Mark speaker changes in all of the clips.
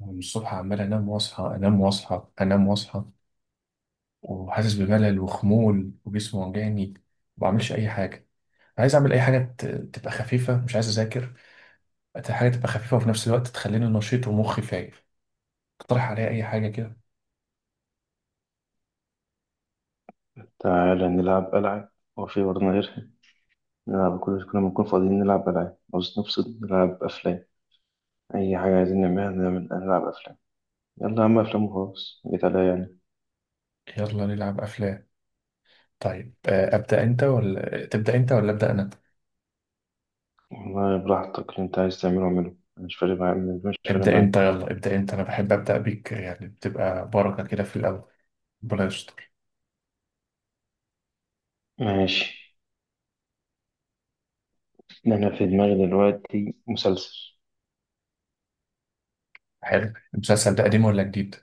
Speaker 1: من الصبح عمال انام واصحى انام واصحى انام واصحى، وحاسس بملل وخمول وجسمي وجعني، ما بعملش اي حاجه. عايز اعمل اي حاجه تبقى خفيفه، مش عايز اذاكر. عايز حاجه تبقى خفيفه وفي نفس الوقت تخليني نشيط ومخي فايق. اقترح عليا اي حاجه كده.
Speaker 2: تعالى نلعب ألعاب. هو في برضه غيرها؟ نلعب كل ما نكون فاضيين نلعب ألعاب. عاوز نفصل، نلعب أفلام. أي حاجة عايزين نعملها، نلعب أفلام. يلا يا عم، أفلام وخلاص، جيت عليا يعني.
Speaker 1: يلا نلعب افلام. طيب، ابدا انت ولا تبدا انت ولا ابدا انا؟
Speaker 2: والله براحتك، اللي أنت عايز تعمله اعمله، أنا مش فارق معايا، مش فارق
Speaker 1: ابدا
Speaker 2: معايا.
Speaker 1: انت، يلا ابدا انت، انا بحب ابدا بيك يعني، بتبقى بركه كده في الاول. ربنا يستر.
Speaker 2: ماشي. أنا في دماغي دلوقتي مسلسل
Speaker 1: حلو. المسلسل ده قديم ولا جديد؟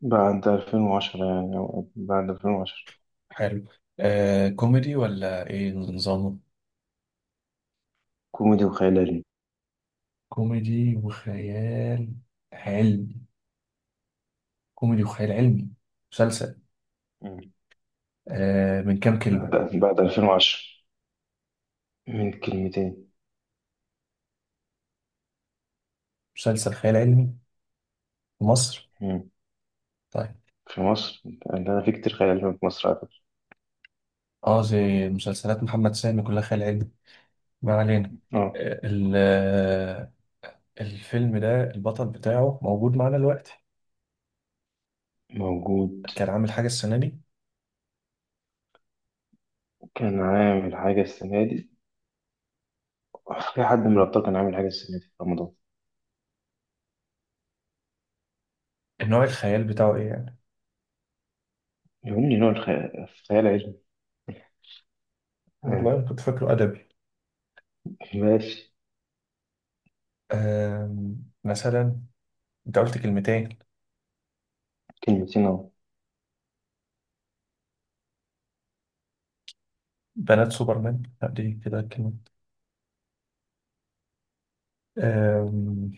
Speaker 2: بعد 2010 يعني، أو بعد 2010.
Speaker 1: حلو. آه، كوميدي ولا ايه نظامه؟
Speaker 2: كوميدي وخيال علمي.
Speaker 1: كوميدي وخيال علمي. كوميدي وخيال علمي مسلسل.
Speaker 2: مم.
Speaker 1: آه، من كام كلمة؟
Speaker 2: بعد بعد 2010. من كلمتين.
Speaker 1: مسلسل خيال علمي في مصر؟
Speaker 2: مم.
Speaker 1: طيب.
Speaker 2: في مصر. لأن أنا في كتير خيال علمي في مصر على فكرة.
Speaker 1: اه، زي مسلسلات محمد سامي كلها خيال علمي. ما علينا.
Speaker 2: اه.
Speaker 1: آه ال- آه، الفيلم ده البطل بتاعه موجود معانا دلوقتي؟
Speaker 2: موجود.
Speaker 1: كان عامل حاجة السنة دي؟
Speaker 2: كان عامل حاجة السنة دي. في حد من الأبطال كان عامل حاجة السنة دي في رمضان؟
Speaker 1: النوع الخيال بتاعه ايه يعني؟
Speaker 2: يهمني نوع الخيال العلمي. آه.
Speaker 1: والله كنت فاكره أدبي.
Speaker 2: ماشي.
Speaker 1: مثلا. انت قلت كلمتين.
Speaker 2: كلمتين أهو.
Speaker 1: بنات سوبرمان، لا، دي كده كلمة.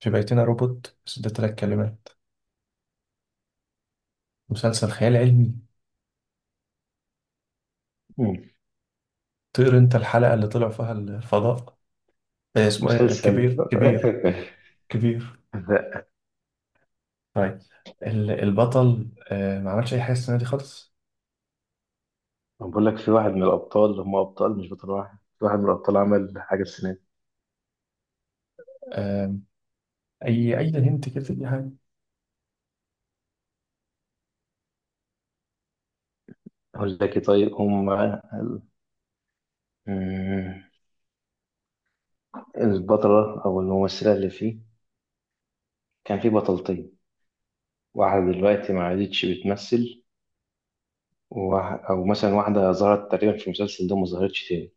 Speaker 1: في بيتنا روبوت، بس ده تلات كلمات. مسلسل خيال علمي؟
Speaker 2: مم.
Speaker 1: طير انت الحلقة اللي طلع فيها الفضاء. اسمه ايه؟ كبير؟
Speaker 2: مسلسل
Speaker 1: كبير؟ كبير؟
Speaker 2: لا.
Speaker 1: طيب. البطل، ما عملش اي حاجة السنة دي خالص؟
Speaker 2: أنا بقول لك في واحد من الأبطال، هم أبطال مش بطل واحد، في واحد من الأبطال عمل حاجة السنة دي.
Speaker 1: آه، اي هنت كده اي حاجة.
Speaker 2: أقول لك إيه؟ طيب هم مم. البطلة أو الممثلة اللي فيه. كان فيه بطلتين. واحدة دلوقتي ما عادتش بتمثل، أو مثلا واحدة ظهرت تقريبا في المسلسل ده وما ظهرتش تاني.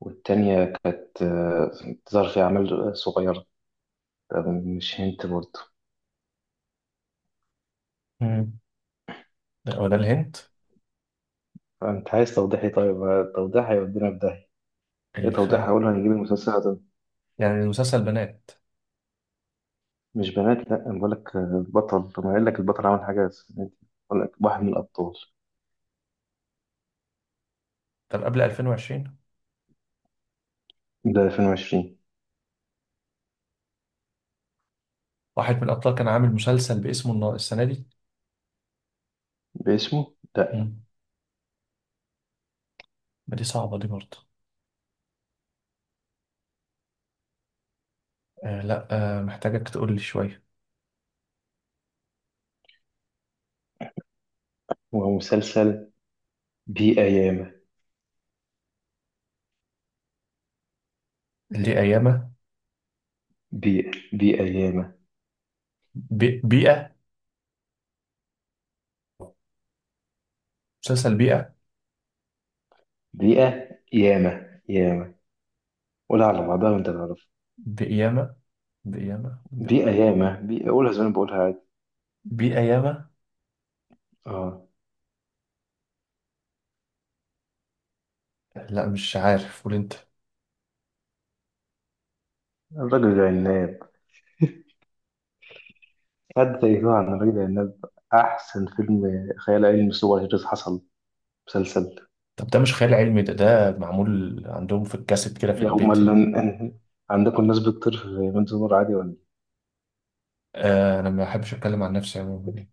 Speaker 2: والتانية كانت بتظهر في أعمال صغيرة. طب مش هنت برضه؟
Speaker 1: مم. لا، هو ده الهنت.
Speaker 2: أنت عايز توضيحي؟ طيب توضيح هيودينا في داهية. إيه توضيح؟
Speaker 1: الخيال.
Speaker 2: هقوله هنجيب المسلسل ده.
Speaker 1: يعني المسلسل بنات.
Speaker 2: مش بنات، لأ. أنا بقولك بطل. طب ما قايل لك البطل عمل حاجة، بس بقولك واحد من الأبطال.
Speaker 1: طب قبل 2020؟
Speaker 2: ده 2020.
Speaker 1: واحد من الابطال كان عامل مسلسل باسمه السنة دي؟
Speaker 2: باسمه؟ لأ.
Speaker 1: مم. ما دي صعبة دي برضه. لا. محتاجك تقول لي شوية.
Speaker 2: هو مسلسل بيئة ياما
Speaker 1: دي أيامة.
Speaker 2: بيئة. بيئة ياما.
Speaker 1: بيئة. مسلسل بيئة.
Speaker 2: بيئة ياما ياما. قولها على بعضها وأنت تعرف.
Speaker 1: بقيامة. بقيامة
Speaker 2: بيئة
Speaker 1: ب-
Speaker 2: ياما بيئة، قولها زي ما أنا بقولها عادي.
Speaker 1: بقيامة.
Speaker 2: آه.
Speaker 1: لا، مش عارف، قول انت.
Speaker 2: الراجل العناد. قد تأيتوه عن الرجل العناب. أحسن فيلم خيال علمي سوبر هيروز حصل. مسلسل.
Speaker 1: طب ده مش خيال علمي، ده معمول عندهم في الكاسيت كده في
Speaker 2: يا
Speaker 1: البيت
Speaker 2: أمال.
Speaker 1: يعني.
Speaker 2: إن- عندكم ناس بتطير في بنت نور عادي ولا إيه؟
Speaker 1: آه، انا ما بحبش اتكلم عن نفسي عموما.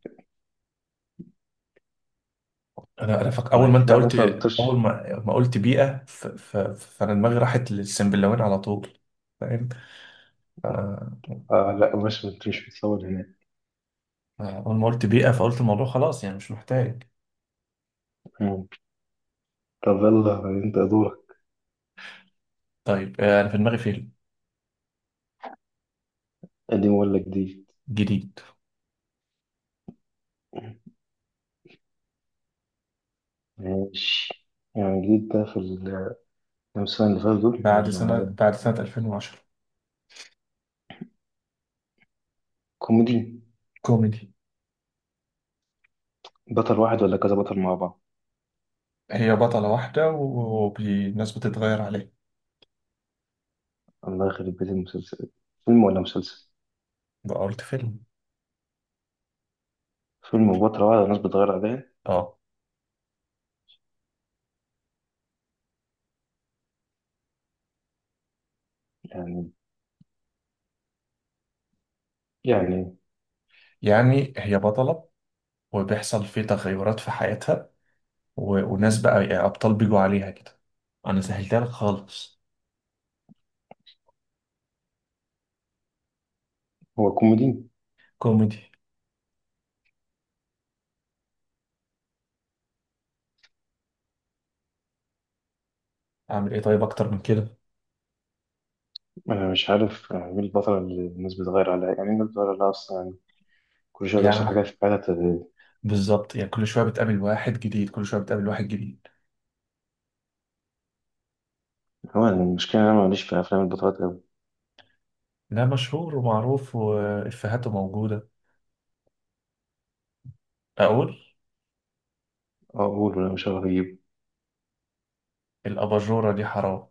Speaker 1: انا
Speaker 2: ما
Speaker 1: اول ما
Speaker 2: أكيد
Speaker 1: انت
Speaker 2: يعني
Speaker 1: قلت.
Speaker 2: ناس ما
Speaker 1: اول
Speaker 2: بتطيرش.
Speaker 1: ما قلت بيئة، فانا دماغي راحت للسنبلاوين على طول. فاهم. ف-
Speaker 2: آه لا، مش بتصور هناك.
Speaker 1: اول ما قلت بيئة، فقلت الموضوع خلاص يعني مش محتاج.
Speaker 2: مم. طب يلا أنت دورك.
Speaker 1: طيب، آه، انا في دماغي فيلم.
Speaker 2: قديم ولا جديد؟
Speaker 1: جديد.
Speaker 2: ماشي. يعني جديد ده في كام سنة اللي فاتوا دول،
Speaker 1: بعد سنة
Speaker 2: ولا؟
Speaker 1: بعد سنة 2010.
Speaker 2: كوميدي.
Speaker 1: كوميدي.
Speaker 2: بطل واحد ولا كذا بطل مع بعض؟
Speaker 1: هي بطلة واحدة والناس بتتغير عليها.
Speaker 2: الله يخرب بيت المسلسل. فيلم ولا مسلسل؟
Speaker 1: ده قلت فيلم.
Speaker 2: فيلم بطل واحد والناس بتغير عليه
Speaker 1: اه.
Speaker 2: يعني يعني
Speaker 1: يعني هي بطلة وبيحصل في تغيرات في حياتها وناس بقى يعني أبطال بيجوا عليها كده. أنا سهلتها لك خالص.
Speaker 2: هو كوميدي؟
Speaker 1: كوميدي. أعمل إيه طيب أكتر من كده؟
Speaker 2: أنا مش عارف يعني إيه الفترة اللي الناس بتغير عليها، يعني إيه الناس بتغير عليها أصلا يعني؟ كل شوية بيحصل
Speaker 1: يعني
Speaker 2: حاجات في حياتها تغير.
Speaker 1: بالظبط يعني، كل شوية بتقابل واحد جديد، كل شوية بتقابل واحد جديد.
Speaker 2: هو أنا المشكلة إن أنا ماليش في أفلام البطولات أوي.
Speaker 1: لا، مشهور ومعروف وإفيهاته موجودة. أقول.
Speaker 2: أقول ولا مش هعرف أجيب؟
Speaker 1: الأباجورة دي حرام.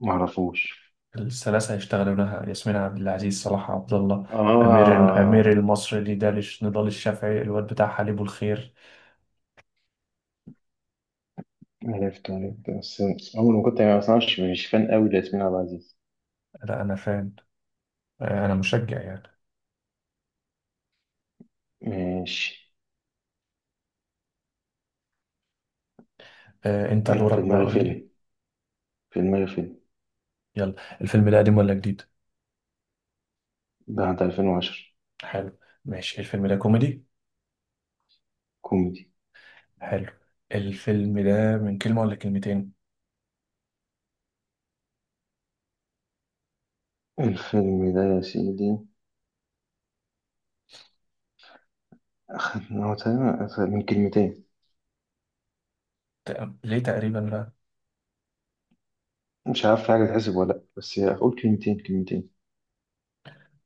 Speaker 2: معرفوش.
Speaker 1: الثلاثة هيشتغلونها ياسمين عبد العزيز، صلاح عبد الله، أمير
Speaker 2: آه.
Speaker 1: الأمير المصري دي دالش، نضال الشافعي، الواد بتاع حليب الخير.
Speaker 2: عرفت عرفت، بس أول ما كنت يعني أصلا مش فان أوي لياسمين عبد العزيز.
Speaker 1: لا، أنا فاهم. آه، انا مشجع يعني.
Speaker 2: ماشي.
Speaker 1: آه، انت
Speaker 2: أنا في
Speaker 1: دورك بقى،
Speaker 2: دماغي
Speaker 1: قول لي.
Speaker 2: فيلم. في دماغي فيلم.
Speaker 1: يلا، الفيلم ده قديم ولا جديد؟
Speaker 2: بعد 2010.
Speaker 1: حلو. ماشي. الفيلم ده كوميدي؟
Speaker 2: كوميدي.
Speaker 1: حلو. الفيلم ده من كلمة ولا كلمتين؟
Speaker 2: الفيلم ده يا سيدي هو تقريبا من كلمتين.
Speaker 1: ليه تقريبا بقى؟
Speaker 2: مش عارف في حاجة تحسب ولا لأ، بس أقول كلمتين، كلمتين.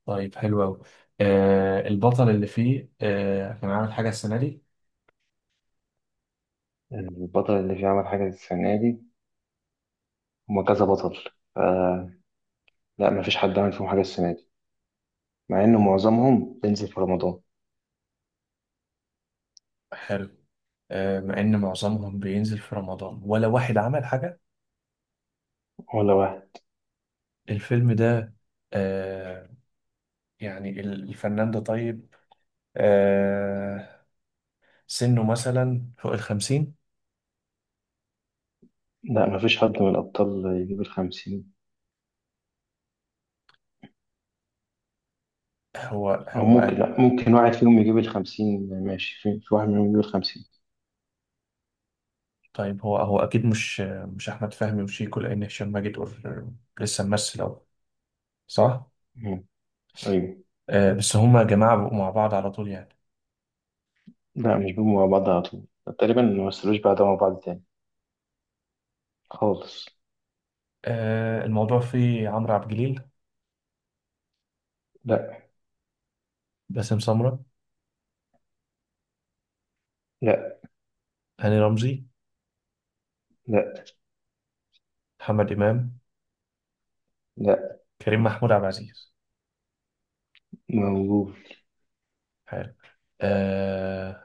Speaker 1: طيب حلو أوي. آه، البطل اللي فيه، آه، كان عامل حاجة السنة دي؟
Speaker 2: البطل اللي فيه عمل حاجة السنة دي. هما كذا بطل. ف... لا، مفيش حد عمل فيهم حاجة السنة دي، مع إنه معظمهم بينزل في رمضان.
Speaker 1: حلو. آه، مع إن معظمهم بينزل في رمضان ولا واحد عمل حاجة.
Speaker 2: ولا واحد.
Speaker 1: الفيلم ده، آه، يعني الفنان ده طيب، آه، سنه مثلا فوق الخمسين؟
Speaker 2: لا، مفيش حد من الأبطال يجيب الخمسين.
Speaker 1: هو
Speaker 2: أو
Speaker 1: هو.
Speaker 2: ممكن، لا، ممكن واحد فيهم يجيب الخمسين، ماشي، في واحد منهم يجيب الخمسين.
Speaker 1: طيب هو هو اكيد مش، مش احمد فهمي وشيكو لان هشام ماجد لسه ممثل اهو. صح.
Speaker 2: مم. أيوة.
Speaker 1: آه، بس هما جماعه بقوا مع بعض على طول يعني.
Speaker 2: لا، مش بيبقوا مع بعض على طول، تقريبا ما مثلوش بعض مع بعض تاني خالص.
Speaker 1: آه، الموضوع فيه عمرو عبد الجليل؟
Speaker 2: لا.
Speaker 1: باسم سمره؟
Speaker 2: لا.
Speaker 1: هاني رمزي؟
Speaker 2: لا.
Speaker 1: محمد امام؟
Speaker 2: لا.
Speaker 1: كريم محمود عبد العزيز؟
Speaker 2: موجود.
Speaker 1: حلو. آه.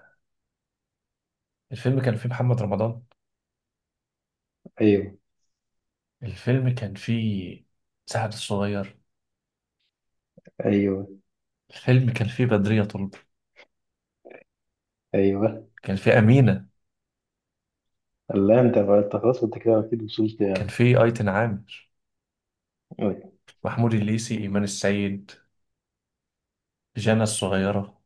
Speaker 1: الفيلم كان فيه محمد رمضان؟
Speaker 2: أيوة.
Speaker 1: الفيلم كان فيه سعد الصغير؟
Speaker 2: أيوة.
Speaker 1: الفيلم كان فيه بدرية طلب؟
Speaker 2: أيوة.
Speaker 1: كان فيه أمينة؟
Speaker 2: الله، أنت بقى، أنت خلاص، أنت كده أكيد وصلت
Speaker 1: كان
Speaker 2: يعني.
Speaker 1: فيه أيتن عامر؟
Speaker 2: أيوة.
Speaker 1: محمود الليثي؟ إيمان السيد؟ جانا الصغيرة؟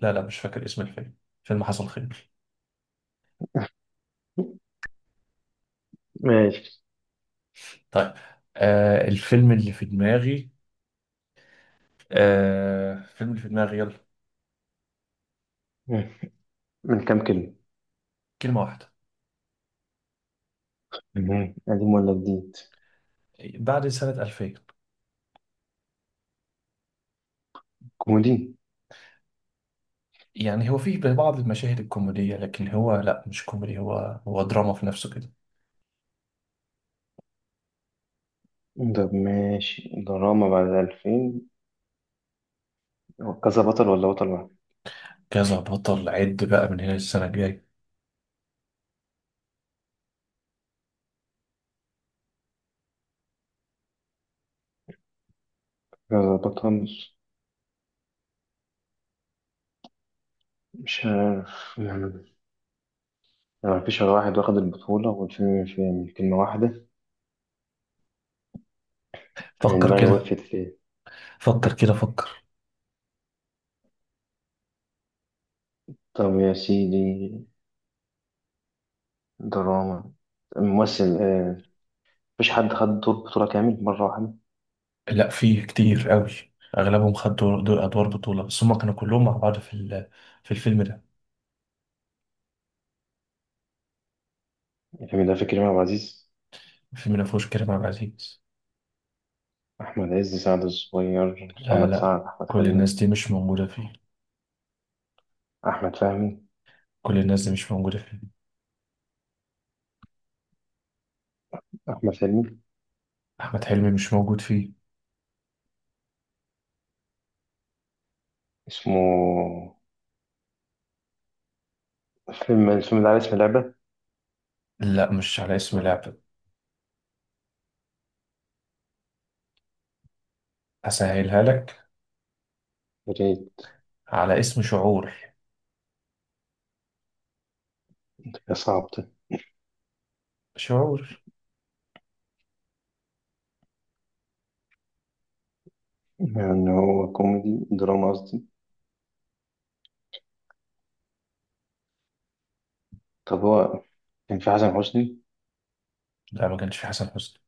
Speaker 1: لا لا، مش فاكر اسم الفيلم. فيلم حصل خير.
Speaker 2: ماشي.
Speaker 1: طيب. آه، الفيلم اللي في دماغي. آه، الفيلم اللي في دماغي، يلا.
Speaker 2: مم. من كام كلمة؟
Speaker 1: كلمة واحدة.
Speaker 2: مم. قديم ولا جديد؟
Speaker 1: بعد سنة 2000.
Speaker 2: كوميدي.
Speaker 1: يعني هو فيه بعض المشاهد الكوميدية، لكن هو، لا، مش كوميدي، هو هو دراما في نفسه كده.
Speaker 2: طب ماشي، دراما بعد 2000. هو كذا بطل ولا بطل واحد؟
Speaker 1: كذا بطل، عد بقى من هنا السنة الجاية.
Speaker 2: كذا بطل. مش عارف يعني، ما فيش غير واحد واخد البطولة، والفيلم فيه كلمة واحدة يعني.
Speaker 1: فكر
Speaker 2: دماغي
Speaker 1: كده،
Speaker 2: وقفت فيه.
Speaker 1: فكر كده، فكر.
Speaker 2: طب يا سيدي، دراما، ممثل، مفيش حد خد دور بطولة كامل مرة واحدة.
Speaker 1: لا، فيه كتير قوي. أغلبهم خدوا دور أدوار بطولة، بس هما كانوا كلهم مع بعض في الفيلم ده.
Speaker 2: الفيلم ده فيه كريم عبد العزيز،
Speaker 1: الفيلم ده مفهوش كريم عبد العزيز.
Speaker 2: أحمد عز، سعد الصغير،
Speaker 1: لا
Speaker 2: محمد
Speaker 1: لا،
Speaker 2: سعد، أحمد
Speaker 1: كل الناس
Speaker 2: حلمي،
Speaker 1: دي مش موجودة فيه.
Speaker 2: أحمد فهمي،
Speaker 1: كل الناس دي مش موجودة فيه.
Speaker 2: أحمد حلمي.
Speaker 1: أحمد حلمي مش موجود فيه.
Speaker 2: اسمه. فيلم الفيلم ده على اسم لعبة.
Speaker 1: لا، مش على اسم لعبة. أسهلها لك.
Speaker 2: ريت.
Speaker 1: على اسم شعور.
Speaker 2: يا صعب ده.
Speaker 1: شعور.
Speaker 2: يعني هو كوميدي، دراما قصدي. طب هو كان في حسن حسني؟
Speaker 1: لا، ما كانش فيه حسن حسني،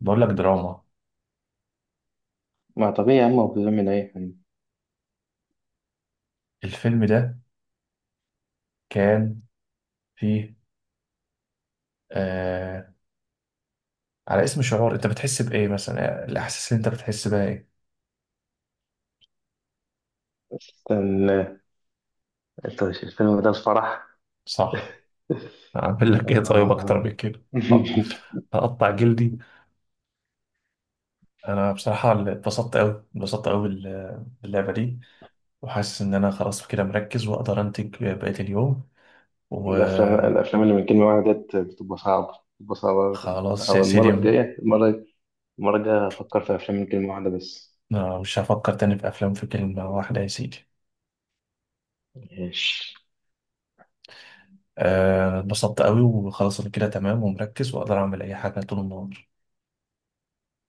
Speaker 1: بقول لك دراما.
Speaker 2: ما طبيعي يا عم، هو بيعمل أي حاجة.
Speaker 1: الفيلم ده كان فيه، آه، على اسم شعور، أنت بتحس بإيه مثلا؟ الأحاسيس اللي أنت بتحس بها إيه؟
Speaker 2: استنى. أنت مش الفيلم ده الفرح؟
Speaker 1: صح. أعمل لك إيه طيب أكتر من
Speaker 2: آه.
Speaker 1: كده؟ أط- أقطع جلدي. أنا بصراحة اتبسطت أوي، اتبسطت أوي باللعبة دي، وحاسس إن أنا خلاص كده مركز وأقدر أنتج بقية اليوم.
Speaker 2: الأفلام
Speaker 1: وخلاص.
Speaker 2: الأفلام اللي من كلمة واحدة ديت بتبقى صعبة، بتبقى صعبة أوي.
Speaker 1: يا
Speaker 2: أو المرة
Speaker 1: سيدي،
Speaker 2: الجاية المرة الجاية هفكر في أفلام من كلمة واحدة بس.
Speaker 1: أنا مش هفكر تاني في أفلام في كلمة واحدة يا سيدي.
Speaker 2: ماشي
Speaker 1: آه، اتبسطت قوي وخلاص، أنا كده تمام ومركز وأقدر أعمل أي حاجة طول النهار.